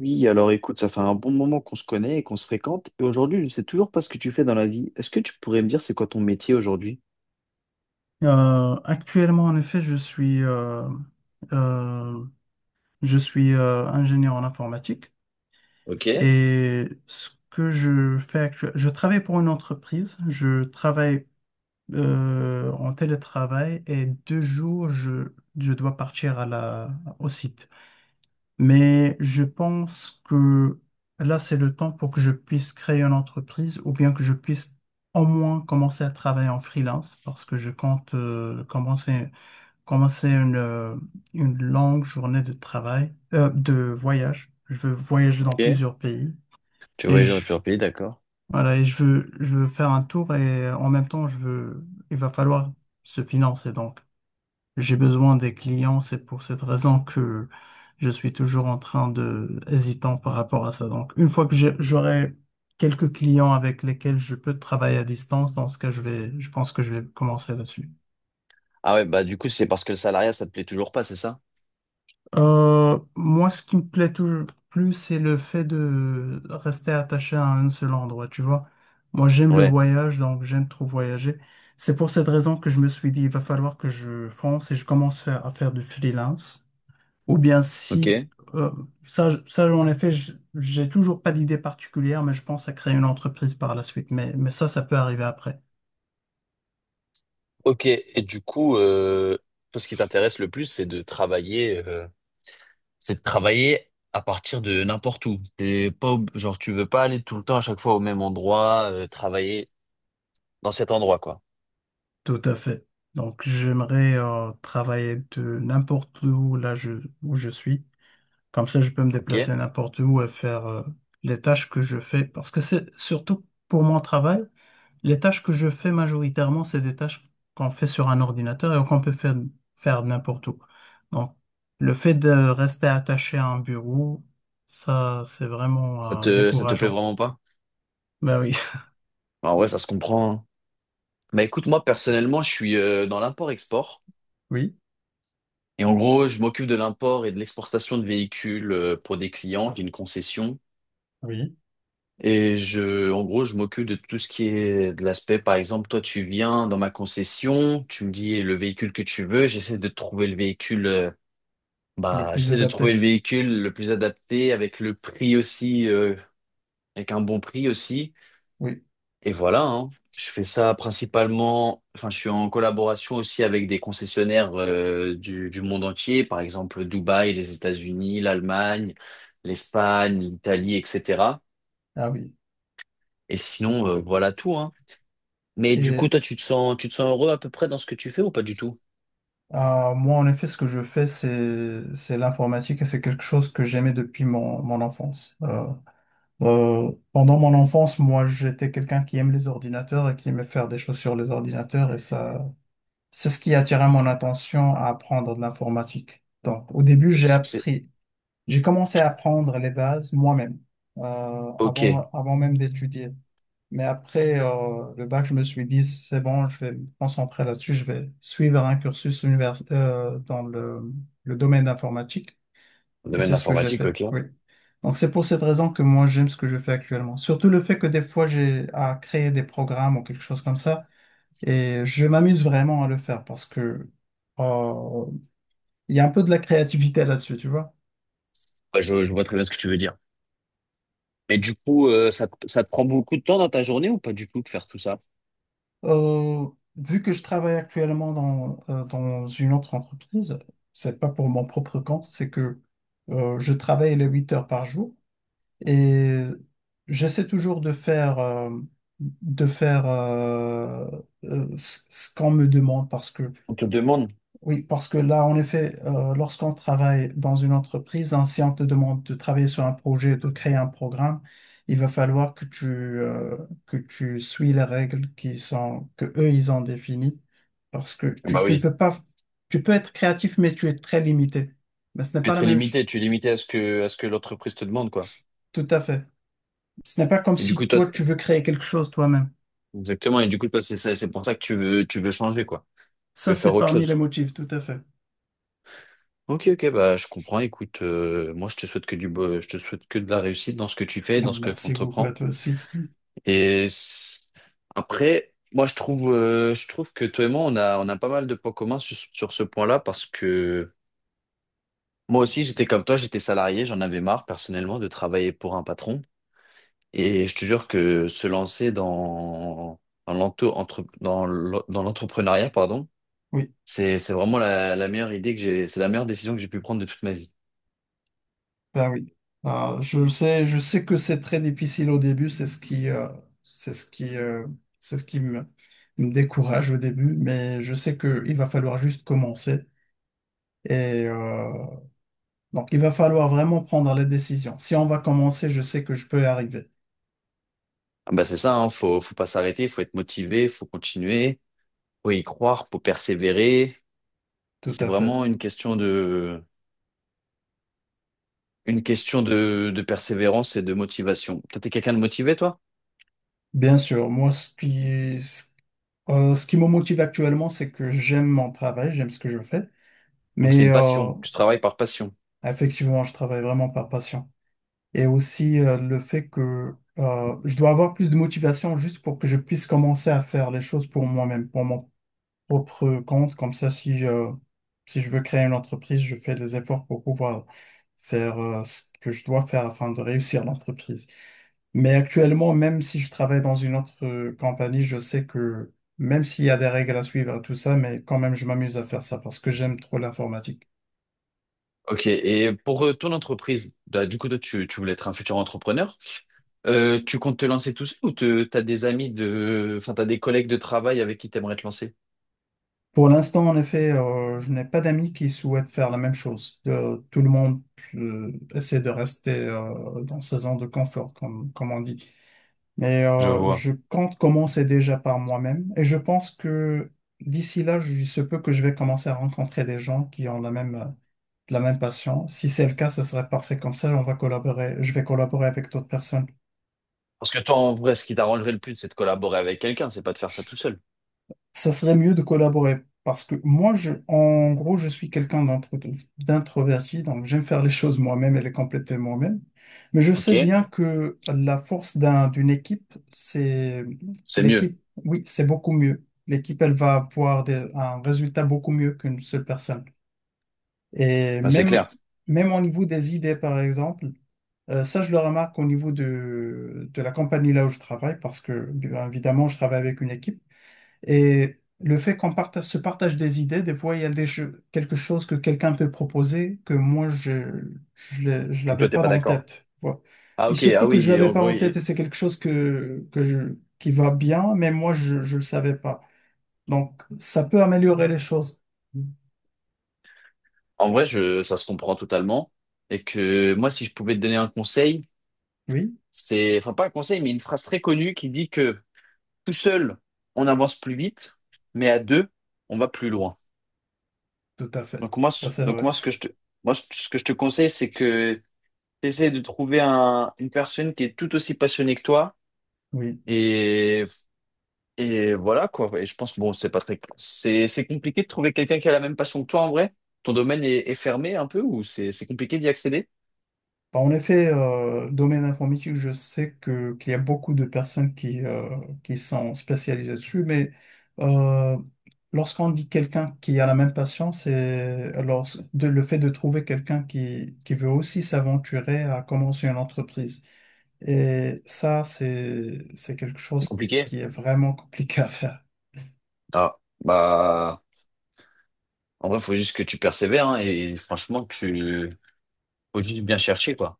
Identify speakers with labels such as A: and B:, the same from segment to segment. A: Oui, alors écoute, ça fait un bon moment qu'on se connaît et qu'on se fréquente, et aujourd'hui, je sais toujours pas ce que tu fais dans la vie. Est-ce que tu pourrais me dire c'est quoi ton métier aujourd'hui?
B: Actuellement, en effet, euh, je suis ingénieur en informatique et ce que je fais actuellement, je travaille pour une entreprise, je travaille en télétravail et deux jours, je dois partir à la, au site. Mais je pense que là, c'est le temps pour que je puisse créer une entreprise ou bien que je puisse au moins commencer à travailler en freelance parce que je compte commencer commencer une longue journée de travail, de voyage. Je veux voyager dans plusieurs pays et je,
A: Surpris, d'accord.
B: voilà, et je veux faire un tour et en même temps, je veux, il va falloir se financer. Donc, j'ai besoin des clients. C'est pour cette raison que je suis toujours en train de, hésitant par rapport à ça. Donc, une fois que j'aurai quelques clients avec lesquels je peux travailler à distance, dans ce cas, je vais, je pense que je vais commencer là-dessus.
A: Ah ouais, bah du coup, c'est parce que le salariat, ça te plaît toujours pas, c'est ça?
B: Moi, ce qui me plaît toujours plus, c'est le fait de rester attaché à un seul endroit, tu vois. Moi, j'aime le
A: Ouais,
B: voyage, donc j'aime trop voyager. C'est pour cette raison que je me suis dit, il va falloir que je fonce et je commence à faire du freelance. Ou bien si,
A: ok.
B: euh, ça, ça, en effet, j'ai toujours pas d'idée particulière, mais je pense à créer une entreprise par la suite. Mais ça, ça peut arriver après.
A: Ok, et du coup, toi, ce qui t'intéresse le plus, c'est de travailler à partir de n'importe où. T'es pas, genre, tu veux pas aller tout le temps à chaque fois au même endroit, travailler dans cet endroit, quoi.
B: Tout à fait. Donc, j'aimerais, travailler de n'importe où, là, je, où je suis. Comme ça, je peux me
A: Ok?
B: déplacer n'importe où et faire les tâches que je fais. Parce que c'est surtout pour mon travail, les tâches que je fais majoritairement, c'est des tâches qu'on fait sur un ordinateur et qu'on peut faire, faire n'importe où. Donc, le fait de rester attaché à un bureau, ça, c'est vraiment
A: Ça te plaît
B: décourageant.
A: vraiment pas?
B: Ben oui.
A: Bah ouais, ça se comprend, hein. Bah écoute, moi personnellement, je suis dans l'import-export.
B: Oui,
A: Et en gros, je m'occupe de l'import et de l'exportation de véhicules pour des clients, d'une concession.
B: oui.
A: Et je, en gros, je m'occupe de tout ce qui est de l'aspect, par exemple, toi, tu viens dans ma concession, tu me dis le véhicule que tu veux, j'essaie de trouver le véhicule,
B: Le
A: bah,
B: plus
A: j'essaie de
B: adapté.
A: trouver le véhicule le plus adapté avec le prix aussi, avec un bon prix aussi.
B: Oui.
A: Et voilà, hein. Je fais ça principalement, enfin, je suis en collaboration aussi avec des concessionnaires du monde entier, par exemple Dubaï, les États-Unis, l'Allemagne, l'Espagne, l'Italie, etc.
B: Ah oui.
A: Et sinon, voilà tout, hein. Mais du coup,
B: Et
A: toi, tu te sens heureux à peu près dans ce que tu fais ou pas du tout?
B: moi, en effet, ce que je fais, c'est l'informatique et c'est quelque chose que j'aimais depuis mon, mon enfance. Pendant mon enfance, moi, j'étais quelqu'un qui aime les ordinateurs et qui aimait faire des choses sur les ordinateurs et ça, c'est ce qui attirait mon attention à apprendre de l'informatique. Donc, au début, j'ai
A: C'est, c'est-
B: appris, j'ai commencé à apprendre les bases moi-même, euh,
A: Ok,
B: avant, avant même d'étudier. Mais après le bac, je me suis dit, c'est bon, je vais me concentrer là-dessus, je vais suivre un cursus dans le domaine informatique. Et
A: domaine
B: c'est
A: de
B: ce que j'ai
A: l'informatique,
B: fait,
A: ok.
B: oui. Donc c'est pour cette raison que moi j'aime ce que je fais actuellement. Surtout le fait que des fois j'ai à créer des programmes ou quelque chose comme ça et je m'amuse vraiment à le faire parce que euh, il y a un peu de la créativité là-dessus, tu vois.
A: Bah, je vois très bien ce que tu veux dire. Mais du coup, ça te prend beaucoup de temps dans ta journée ou pas du tout de faire tout ça?
B: Euh, Vu que je travaille actuellement dans, dans une autre entreprise, c'est pas pour mon propre compte, c'est que je travaille les 8 heures par jour. Et j'essaie toujours de faire ce qu'on me demande parce que,
A: On te demande.
B: oui, parce que là, en effet, lorsqu'on travaille dans une entreprise, hein, si on te demande de travailler sur un projet, de créer un programme, il va falloir que tu suis les règles qui sont, que eux, ils ont définies parce que tu,
A: Bah
B: tu ne
A: oui.
B: peux pas, tu peux être créatif, mais tu es très limité. Mais ce n'est
A: Tu es
B: pas la
A: très
B: même chose.
A: limité, tu es limité à ce que l'entreprise te demande, quoi.
B: Tout à fait. Ce n'est pas comme
A: Et du
B: si
A: coup, toi,
B: toi, tu
A: t'es-
B: veux créer quelque chose toi-même.
A: exactement. Et du coup, toi, c'est ça- c'est pour ça que tu veux changer, quoi. Tu veux
B: Ça,
A: faire
B: c'est
A: autre
B: parmi les
A: chose.
B: motifs, tout à fait.
A: Ok, ok, bah, je comprends. Écoute, moi, je te souhaite que je te souhaite que de la réussite dans ce que tu fais, dans ce que tu
B: Merci beaucoup à
A: entreprends.
B: toi aussi.
A: Et s- après, moi, je trouve que toi et moi, on a pas mal de points communs sur, sur ce point-là parce que moi aussi, j'étais comme toi, j'étais salarié, j'en avais marre, personnellement, de travailler pour un patron. Et je te jure que se lancer dans, dans dans l'entrepreneuriat, pardon,
B: Oui,
A: c'est vraiment la, la meilleure idée que j'ai, c'est la meilleure décision que j'ai pu prendre de toute ma vie.
B: ben oui. Je sais, je sais que c'est très difficile au début, c'est ce qui, c'est ce qui, c'est ce qui me, me décourage au début, mais je sais que il va falloir juste commencer. Et donc, il va falloir vraiment prendre les décisions. Si on va commencer, je sais que je peux y arriver.
A: Ah bah c'est ça, hein, faut, faut pas s'arrêter, faut être motivé, faut continuer, faut y croire, faut persévérer.
B: Tout
A: C'est
B: à
A: vraiment
B: fait.
A: une question de persévérance et de motivation. Toi, t'es quelqu'un de motivé, toi?
B: Bien sûr, moi, ce qui, ce ce qui me motive actuellement, c'est que j'aime mon travail, j'aime ce que je fais,
A: Donc c'est
B: mais
A: une passion, tu travailles par passion.
B: effectivement, je travaille vraiment par passion. Et aussi le fait que je dois avoir plus de motivation juste pour que je puisse commencer à faire les choses pour moi-même, pour mon propre compte. Comme ça, si je, si je veux créer une entreprise, je fais des efforts pour pouvoir faire ce que je dois faire afin de réussir l'entreprise. Mais actuellement, même si je travaille dans une autre compagnie, je sais que même s'il y a des règles à suivre et tout ça, mais quand même, je m'amuse à faire ça parce que j'aime trop l'informatique.
A: Ok, et pour ton entreprise, bah, du coup, toi, tu voulais être un futur entrepreneur? Tu comptes te lancer tout seul ou t'as des amis de, enfin t'as des collègues de travail avec qui t'aimerais te lancer?
B: Pour l'instant, en effet, je n'ai pas d'amis qui souhaitent faire la même chose. Tout le monde essaie de rester dans sa zone de confort, comme, comme on dit. Mais
A: Je vois.
B: je compte commencer déjà par moi-même et je pense que d'ici là, il se peut que je vais commencer à rencontrer des gens qui ont la même passion. Si c'est le cas, ce serait parfait comme ça, on va collaborer, je vais collaborer avec d'autres personnes.
A: Parce que toi, en vrai, ce qui t'arrangerait le plus, c'est de collaborer avec quelqu'un, c'est pas de faire ça tout seul.
B: Ça serait mieux de collaborer parce que moi, je, en gros, je suis quelqu'un d'introverti, donc j'aime faire les choses moi-même et les compléter moi-même. Mais je
A: Ok,
B: sais bien que la force d'un, d'une équipe, c'est
A: c'est mieux.
B: l'équipe, oui, c'est beaucoup mieux. L'équipe, elle va avoir un résultat beaucoup mieux qu'une seule personne. Et
A: Ben, c'est
B: même,
A: clair.
B: même au niveau des idées, par exemple. Ça, je le remarque au niveau de la compagnie là où je travaille, parce que, bien évidemment, je travaille avec une équipe. Et le fait qu'on partage, se partage des idées, des fois, il y a quelque chose que quelqu'un peut proposer que moi, je je
A: Et toi,
B: l'avais
A: t'es
B: pas
A: pas
B: en
A: d'accord.
B: tête. Voilà.
A: Ah
B: Il
A: ok,
B: se peut
A: ah
B: que je
A: oui,
B: l'avais
A: en
B: pas
A: gros,
B: en tête et c'est quelque chose que, qui va bien, mais moi, je ne le savais pas. Donc, ça peut améliorer les choses.
A: en vrai, je, ça se comprend totalement. Et que moi, si je pouvais te donner un conseil,
B: Oui,
A: c'est, enfin pas un conseil, mais une phrase très connue qui dit que tout seul, on avance plus vite, mais à deux, on va plus loin.
B: tout à fait. Ça, c'est
A: Donc
B: vrai.
A: moi, ce que je te, moi, ce que je te conseille, c'est que essaie de trouver une personne qui est tout aussi passionnée que toi.
B: Oui.
A: Et, et voilà, quoi. Et je pense, bon, c'est pas très, c'est compliqué de trouver quelqu'un qui a la même passion que toi, en vrai. Ton domaine est, est fermé un peu ou c'est compliqué d'y accéder?
B: Bah, en effet, domaine informatique, je sais que qu'il y a beaucoup de personnes qui sont spécialisées dessus, mais euh, lorsqu'on dit quelqu'un qui a la même passion, c'est alors le fait de trouver quelqu'un qui veut aussi s'aventurer à commencer une entreprise. Et ça, c'est quelque
A: C'est
B: chose
A: compliqué.
B: qui est vraiment compliqué à faire.
A: Ah, bah, en vrai, faut juste que tu persévères, hein, et franchement, tu, faut juste bien chercher, quoi.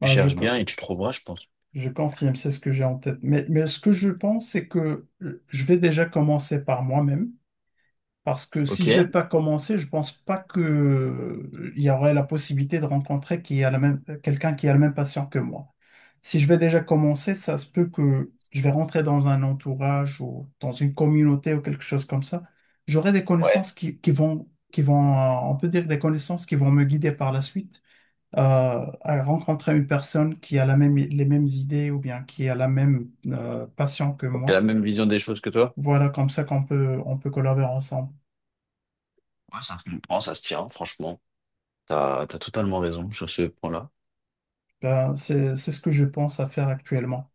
A: Tu
B: Bah, je,
A: cherches
B: co-
A: bien et tu trouveras, je pense.
B: je confirme, c'est ce que j'ai en tête. Mais ce que je pense, c'est que je vais déjà commencer par moi-même. Parce que si je vais
A: Ok.
B: pas commencer, je pense pas que il y aurait la possibilité de rencontrer qui a la même quelqu'un qui a la même passion que moi. Si je vais déjà commencer, ça se peut que je vais rentrer dans un entourage ou dans une communauté ou quelque chose comme ça. J'aurai des connaissances
A: Ouais.
B: qui vont on peut dire des connaissances qui vont me guider par la suite à rencontrer une personne qui a la même les mêmes idées ou bien qui a la même passion que
A: J'ai la
B: moi.
A: même vision des choses que toi?
B: Voilà, comme ça qu'on peut on peut collaborer ensemble.
A: Ouais, ça se comprend, ça se tient, franchement. T'as, t'as totalement raison sur ce point-là.
B: Ben, c'est ce que je pense à faire actuellement.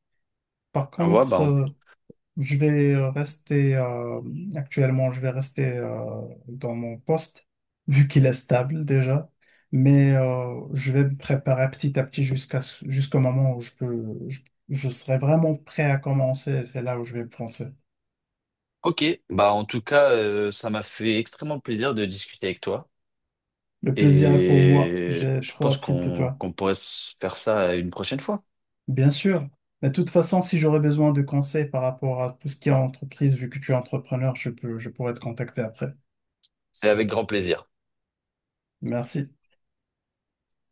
B: Par
A: Je vois, bah,
B: contre,
A: en-
B: je vais rester, actuellement, je vais rester dans mon poste, vu qu'il est stable déjà. Mais je vais me préparer petit à petit jusqu'à, jusqu'au moment où je peux, je serai vraiment prêt à commencer. Et c'est là où je vais me lancer.
A: ok. Bah, en tout cas, ça m'a fait extrêmement plaisir de discuter avec toi.
B: Le plaisir est pour moi.
A: Et
B: J'ai
A: je
B: trop
A: pense
B: appris de
A: qu'on
B: toi.
A: qu'on pourrait se faire ça une prochaine fois.
B: Bien sûr. Mais de toute façon, si j'aurais besoin de conseils par rapport à tout ce qui est entreprise, vu que tu es entrepreneur, je peux, je pourrais te contacter après.
A: C'est avec grand plaisir.
B: Merci.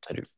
A: Salut.